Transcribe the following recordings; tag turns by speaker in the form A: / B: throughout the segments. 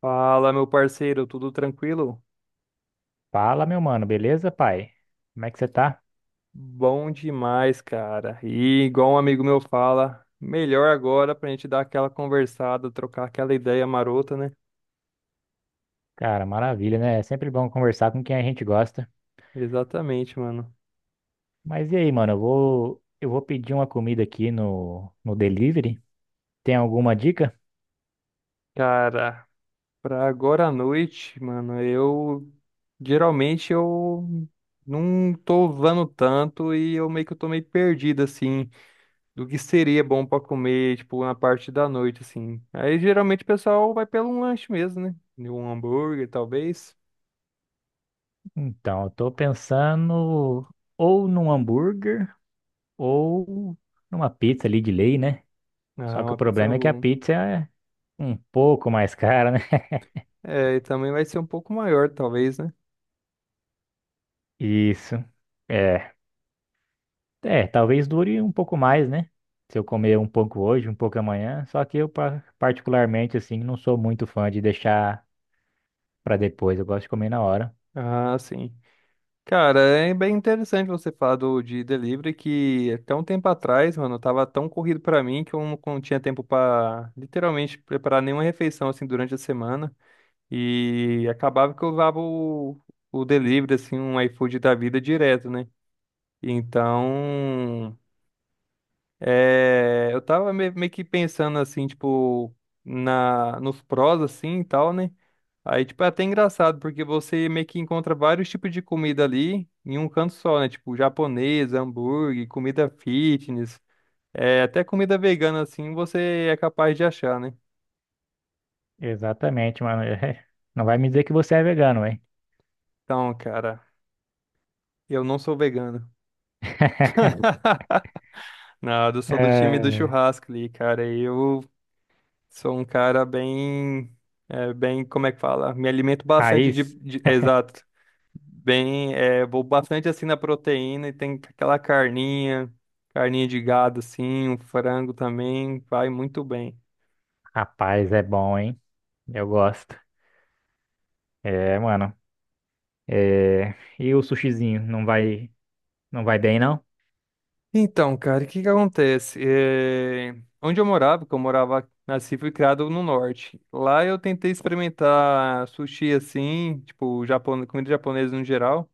A: Fala, meu parceiro, tudo tranquilo?
B: Fala, meu mano, beleza, pai? Como é que você tá?
A: Bom demais, cara. E igual um amigo meu fala, melhor agora pra gente dar aquela conversada, trocar aquela ideia marota, né?
B: Cara, maravilha, né? É sempre bom conversar com quem a gente gosta.
A: Exatamente, mano.
B: Mas e aí, mano, eu vou pedir uma comida aqui no delivery. Tem alguma dica?
A: Cara, pra agora à noite, mano, eu geralmente eu não tô vando tanto e eu meio que eu tô meio perdido assim do que seria bom pra comer, tipo, na parte da noite assim. Aí geralmente o pessoal vai pelo um lanche mesmo, né? Um hambúrguer, talvez.
B: Então, eu tô pensando ou num hambúrguer ou numa pizza ali de lei, né? Só
A: Ah,
B: que o
A: uma pizza
B: problema é que a
A: boa.
B: pizza é um pouco mais cara, né?
A: É, e também vai ser um pouco maior, talvez, né?
B: Isso. É. É, talvez dure um pouco mais, né? Se eu comer um pouco hoje, um pouco amanhã. Só que eu, particularmente, assim, não sou muito fã de deixar pra depois. Eu gosto de comer na hora.
A: Ah, sim. Cara, é bem interessante você falar do de delivery que até um tempo atrás, mano, tava tão corrido pra mim que eu não tinha tempo pra literalmente preparar nenhuma refeição assim durante a semana e acabava que eu usava o delivery assim, um iFood da vida direto, né? Então, eu tava meio que pensando assim, tipo, na nos prós assim e tal, né? Aí, tipo, é até engraçado, porque você meio que encontra vários tipos de comida ali em um canto só, né? Tipo, japonês, hambúrguer, comida fitness, até comida vegana, assim, você é capaz de achar, né?
B: Exatamente, mano. Não vai me dizer que você é vegano, hein?
A: Então, cara, eu não sou vegano. Nada, eu sou do time do
B: É,
A: churrasco ali, cara. Eu sou um cara bem, como é que fala? Me alimento bastante
B: raiz,
A: exato. Bem, vou bastante assim na proteína e tem aquela carninha, carninha de gado assim, um frango também, vai muito bem.
B: rapaz, é bom, hein? Eu gosto. É, mano. É, e o sushizinho, não vai bem, não?
A: Então, cara, o que que acontece? É, onde eu morava, que eu morava, nasci e fui criado no norte. Lá eu tentei experimentar sushi assim, tipo, comida japonesa no geral.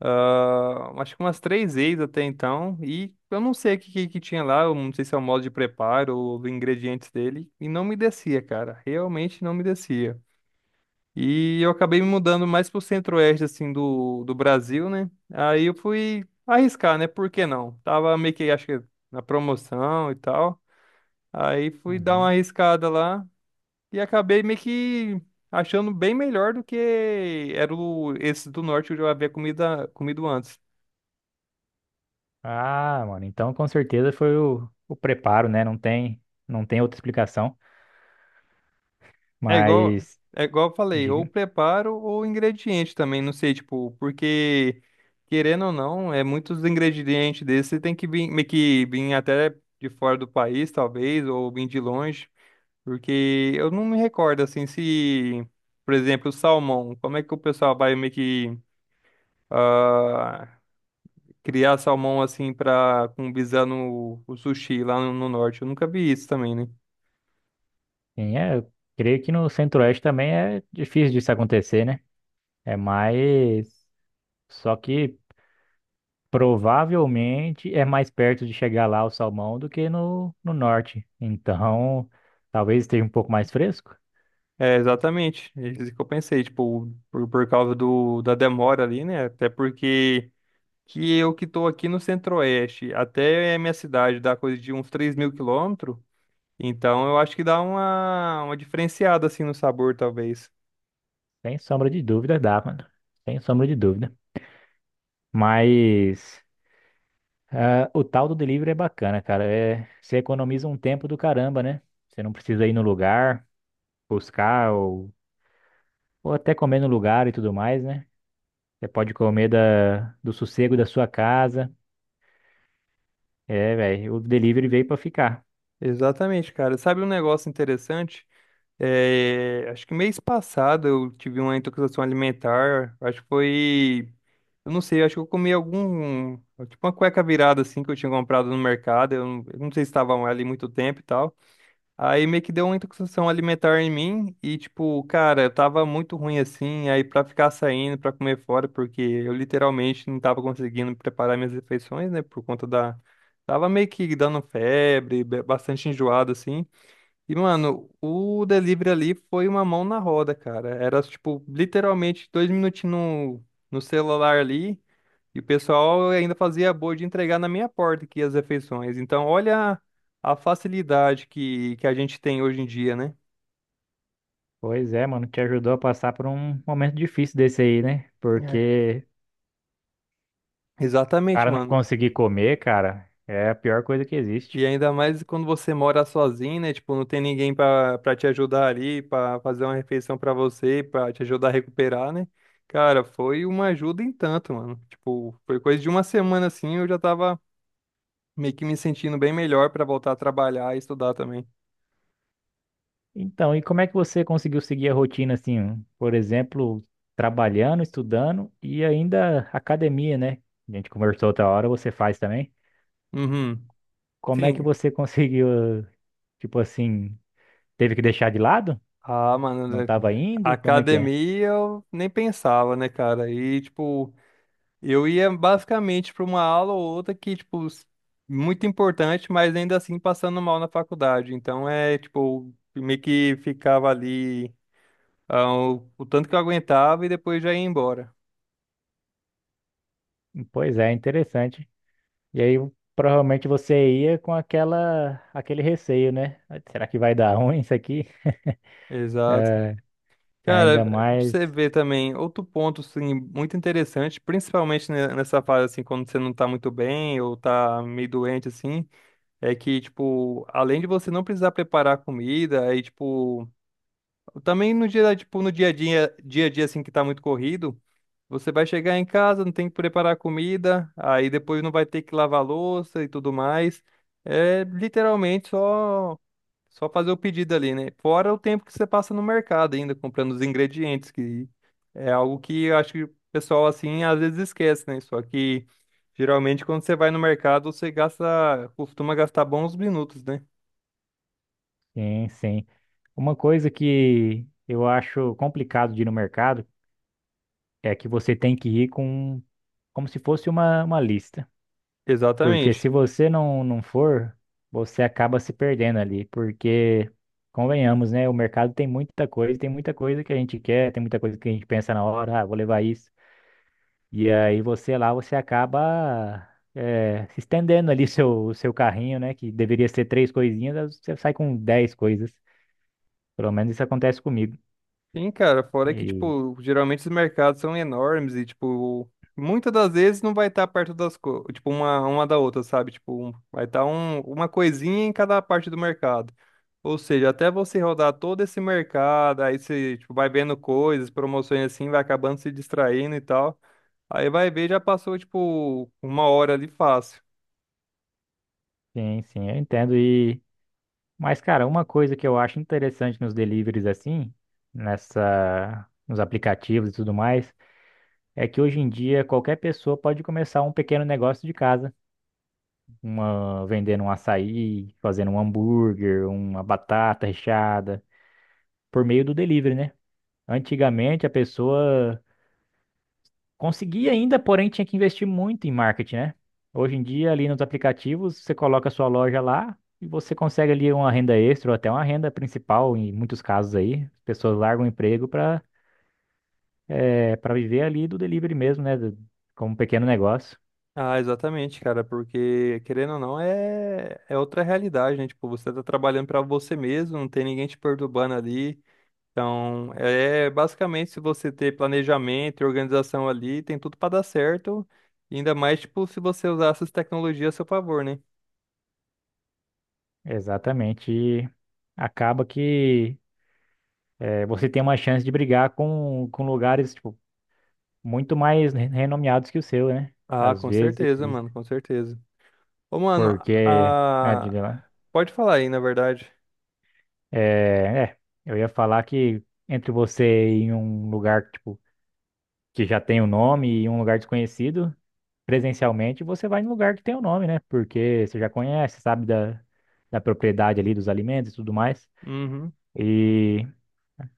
A: Ah, acho que umas três vezes até então. E eu não sei o que tinha lá, eu não sei se é o modo de preparo ou os ingredientes dele. E não me descia, cara. Realmente não me descia. E eu acabei me mudando mais pro centro-oeste, assim, do Brasil, né? Aí eu fui arriscar, né? Por que não? Tava meio que, acho que, na promoção e tal. Aí fui dar uma
B: Uhum.
A: arriscada lá e acabei meio que achando bem melhor do que era o, esse do norte que eu já havia comido antes.
B: Ah, mano, então com certeza foi o preparo, né? Não tem outra explicação.
A: É igual,
B: Mas,
A: é igual eu falei, ou
B: diga,
A: preparo ou ingrediente também, não sei, tipo, porque querendo ou não, é muitos ingredientes desses tem que vir, meio que vir até de fora do país, talvez, ou vir de longe, porque eu não me recordo assim se, por exemplo, o salmão, como é que o pessoal vai meio que ah, criar salmão assim para com visando o sushi lá no norte? Eu nunca vi isso também, né?
B: quem é? Eu creio que no Centro-Oeste também é difícil disso acontecer, né? É mais. Só que provavelmente é mais perto de chegar lá o salmão do que no Norte. Então, talvez esteja um pouco mais fresco.
A: É, exatamente. É isso que eu pensei, tipo, por causa do, da demora ali, né? Até porque que eu que tô aqui no Centro-Oeste, até a minha cidade dá coisa de uns 3.000 quilômetros, então eu acho que dá uma diferenciada, assim, no sabor, talvez.
B: Sem sombra de dúvida, dá, mano. Sem sombra de dúvida. Mas, ah, o tal do delivery é bacana, cara. É, você economiza um tempo do caramba, né? Você não precisa ir no lugar, buscar ou até comer no lugar e tudo mais, né? Você pode comer da, do sossego da sua casa. É, velho, o delivery veio pra ficar.
A: Exatamente, cara. Sabe um negócio interessante? É, acho que mês passado eu tive uma intoxicação alimentar. Acho que foi. Eu não sei, acho que eu comi algum. Tipo uma cueca virada assim que eu tinha comprado no mercado. Eu não sei se estava ali muito tempo e tal. Aí meio que deu uma intoxicação alimentar em mim. E tipo, cara, eu tava muito ruim assim. Aí pra ficar saindo, pra comer fora, porque eu literalmente não tava conseguindo preparar minhas refeições, né? Por conta da. Tava meio que dando febre, bastante enjoado assim. E, mano, o delivery ali foi uma mão na roda, cara. Era, tipo, literalmente 2 minutinhos no celular ali. E o pessoal ainda fazia boa de entregar na minha porta aqui as refeições. Então, olha a facilidade que a gente tem hoje em dia, né?
B: Pois é, mano, te ajudou a passar por um momento difícil desse aí, né?
A: É.
B: Porque o
A: Exatamente,
B: cara não
A: mano.
B: conseguir comer, cara, é a pior coisa que
A: E
B: existe.
A: ainda mais quando você mora sozinho, né? Tipo, não tem ninguém pra para te ajudar ali, pra fazer uma refeição pra você, pra te ajudar a recuperar, né? Cara, foi uma ajuda em tanto, mano. Tipo, foi coisa de uma semana assim, eu já tava meio que me sentindo bem melhor pra voltar a trabalhar e estudar também.
B: Então, e como é que você conseguiu seguir a rotina assim, um, por exemplo, trabalhando, estudando e ainda academia, né? A gente conversou outra hora, você faz também.
A: Uhum.
B: Como é que
A: Sim.
B: você conseguiu, tipo assim, teve que deixar de lado?
A: Ah, mano,
B: Não
A: né,
B: estava indo? Como é que é?
A: academia eu nem pensava, né, cara? E tipo, eu ia basicamente para uma aula ou outra que, tipo, muito importante, mas ainda assim passando mal na faculdade. Então é, tipo, meio que ficava ali o tanto que eu aguentava e depois já ia embora.
B: Pois é, interessante. E aí provavelmente você ia com aquela aquele receio, né? Será que vai dar ruim isso aqui?
A: Exato.
B: É,
A: Cara,
B: ainda
A: pra
B: mais,
A: você ver também, outro ponto, assim, muito interessante, principalmente nessa fase, assim, quando você não tá muito bem ou tá meio doente, assim, é que, tipo, além de você não precisar preparar comida, aí, tipo, também no dia, tipo, no dia a dia assim que tá muito corrido, você vai chegar em casa, não tem que preparar comida, aí depois não vai ter que lavar louça e tudo mais. É literalmente só fazer o pedido ali, né? Fora o tempo que você passa no mercado ainda comprando os ingredientes, que é algo que eu acho que o pessoal assim às vezes esquece, né? Só que geralmente quando você vai no mercado, você gasta, costuma gastar bons minutos, né?
B: sim, sim. Uma coisa que eu acho complicado de ir no mercado é que você tem que ir com como se fosse uma lista. Porque
A: Exatamente.
B: se você não for, você acaba se perdendo ali. Porque, convenhamos, né? O mercado tem muita coisa que a gente quer, tem muita coisa que a gente pensa na hora, ah, vou levar isso. E aí você lá, você acaba se estendendo ali seu carrinho, né? Que deveria ser três coisinhas, você sai com dez coisas. Pelo menos isso acontece comigo.
A: Sim, cara, fora que,
B: E,
A: tipo, geralmente os mercados são enormes e, tipo, muitas das vezes não vai estar perto das coisas, tipo, uma da outra, sabe? Tipo, vai estar uma coisinha em cada parte do mercado. Ou seja, até você rodar todo esse mercado, aí você, tipo, vai vendo coisas, promoções assim, vai acabando se distraindo e tal. Aí vai ver, já passou, tipo, uma hora ali fácil.
B: sim, sim, eu entendo. E mas, cara, uma coisa que eu acho interessante nos deliveries assim, nessa, nos aplicativos e tudo mais, é que hoje em dia qualquer pessoa pode começar um pequeno negócio de casa. Uma, vendendo um açaí, fazendo um hambúrguer, uma batata recheada, por meio do delivery, né? Antigamente a pessoa conseguia ainda, porém tinha que investir muito em marketing, né? Hoje em dia, ali nos aplicativos, você coloca a sua loja lá e você consegue ali uma renda extra ou até uma renda principal, em muitos casos aí. As pessoas largam o emprego para viver ali do delivery mesmo, né? Como um pequeno negócio.
A: Ah, exatamente, cara, porque querendo ou não é outra realidade, né? Tipo, você tá trabalhando pra você mesmo, não tem ninguém te perturbando ali. Então, é basicamente se você ter planejamento e organização ali, tem tudo para dar certo. E ainda mais, tipo, se você usar essas tecnologias a seu favor, né?
B: Exatamente. E acaba que você tem uma chance de brigar com lugares tipo, muito mais renomeados que o seu, né?
A: Ah,
B: Às
A: com
B: vezes,
A: certeza, mano, com certeza. Ô, mano,
B: porque. Ah, diga
A: a...
B: lá.
A: pode falar aí, na verdade.
B: É, eu ia falar que entre você ir em um lugar tipo, que já tem o nome e um lugar desconhecido, presencialmente você vai em um lugar que tem o nome, né? Porque você já conhece, sabe da, da propriedade ali dos alimentos e tudo mais.
A: Uhum.
B: E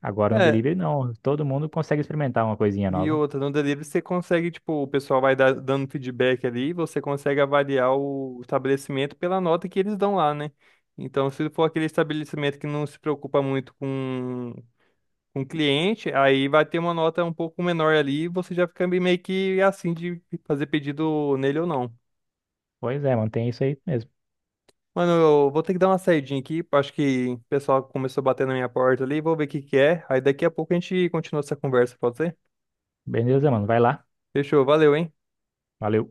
B: agora no
A: É,
B: delivery não, todo mundo consegue experimentar uma coisinha
A: e
B: nova.
A: outra, no delivery você consegue, tipo, o pessoal vai dando feedback ali, você consegue avaliar o estabelecimento pela nota que eles dão lá, né? Então, se for aquele estabelecimento que não se preocupa muito com o cliente, aí vai ter uma nota um pouco menor ali, e você já fica meio que assim de fazer pedido nele ou não.
B: Pois é, mano, tem isso aí mesmo.
A: Mano, eu vou ter que dar uma saidinha aqui, acho que o pessoal começou a bater na minha porta ali, vou ver o que que é, aí daqui a pouco a gente continua essa conversa, pode ser?
B: Beleza, mano, vai lá.
A: Fechou, valeu, hein?
B: Valeu.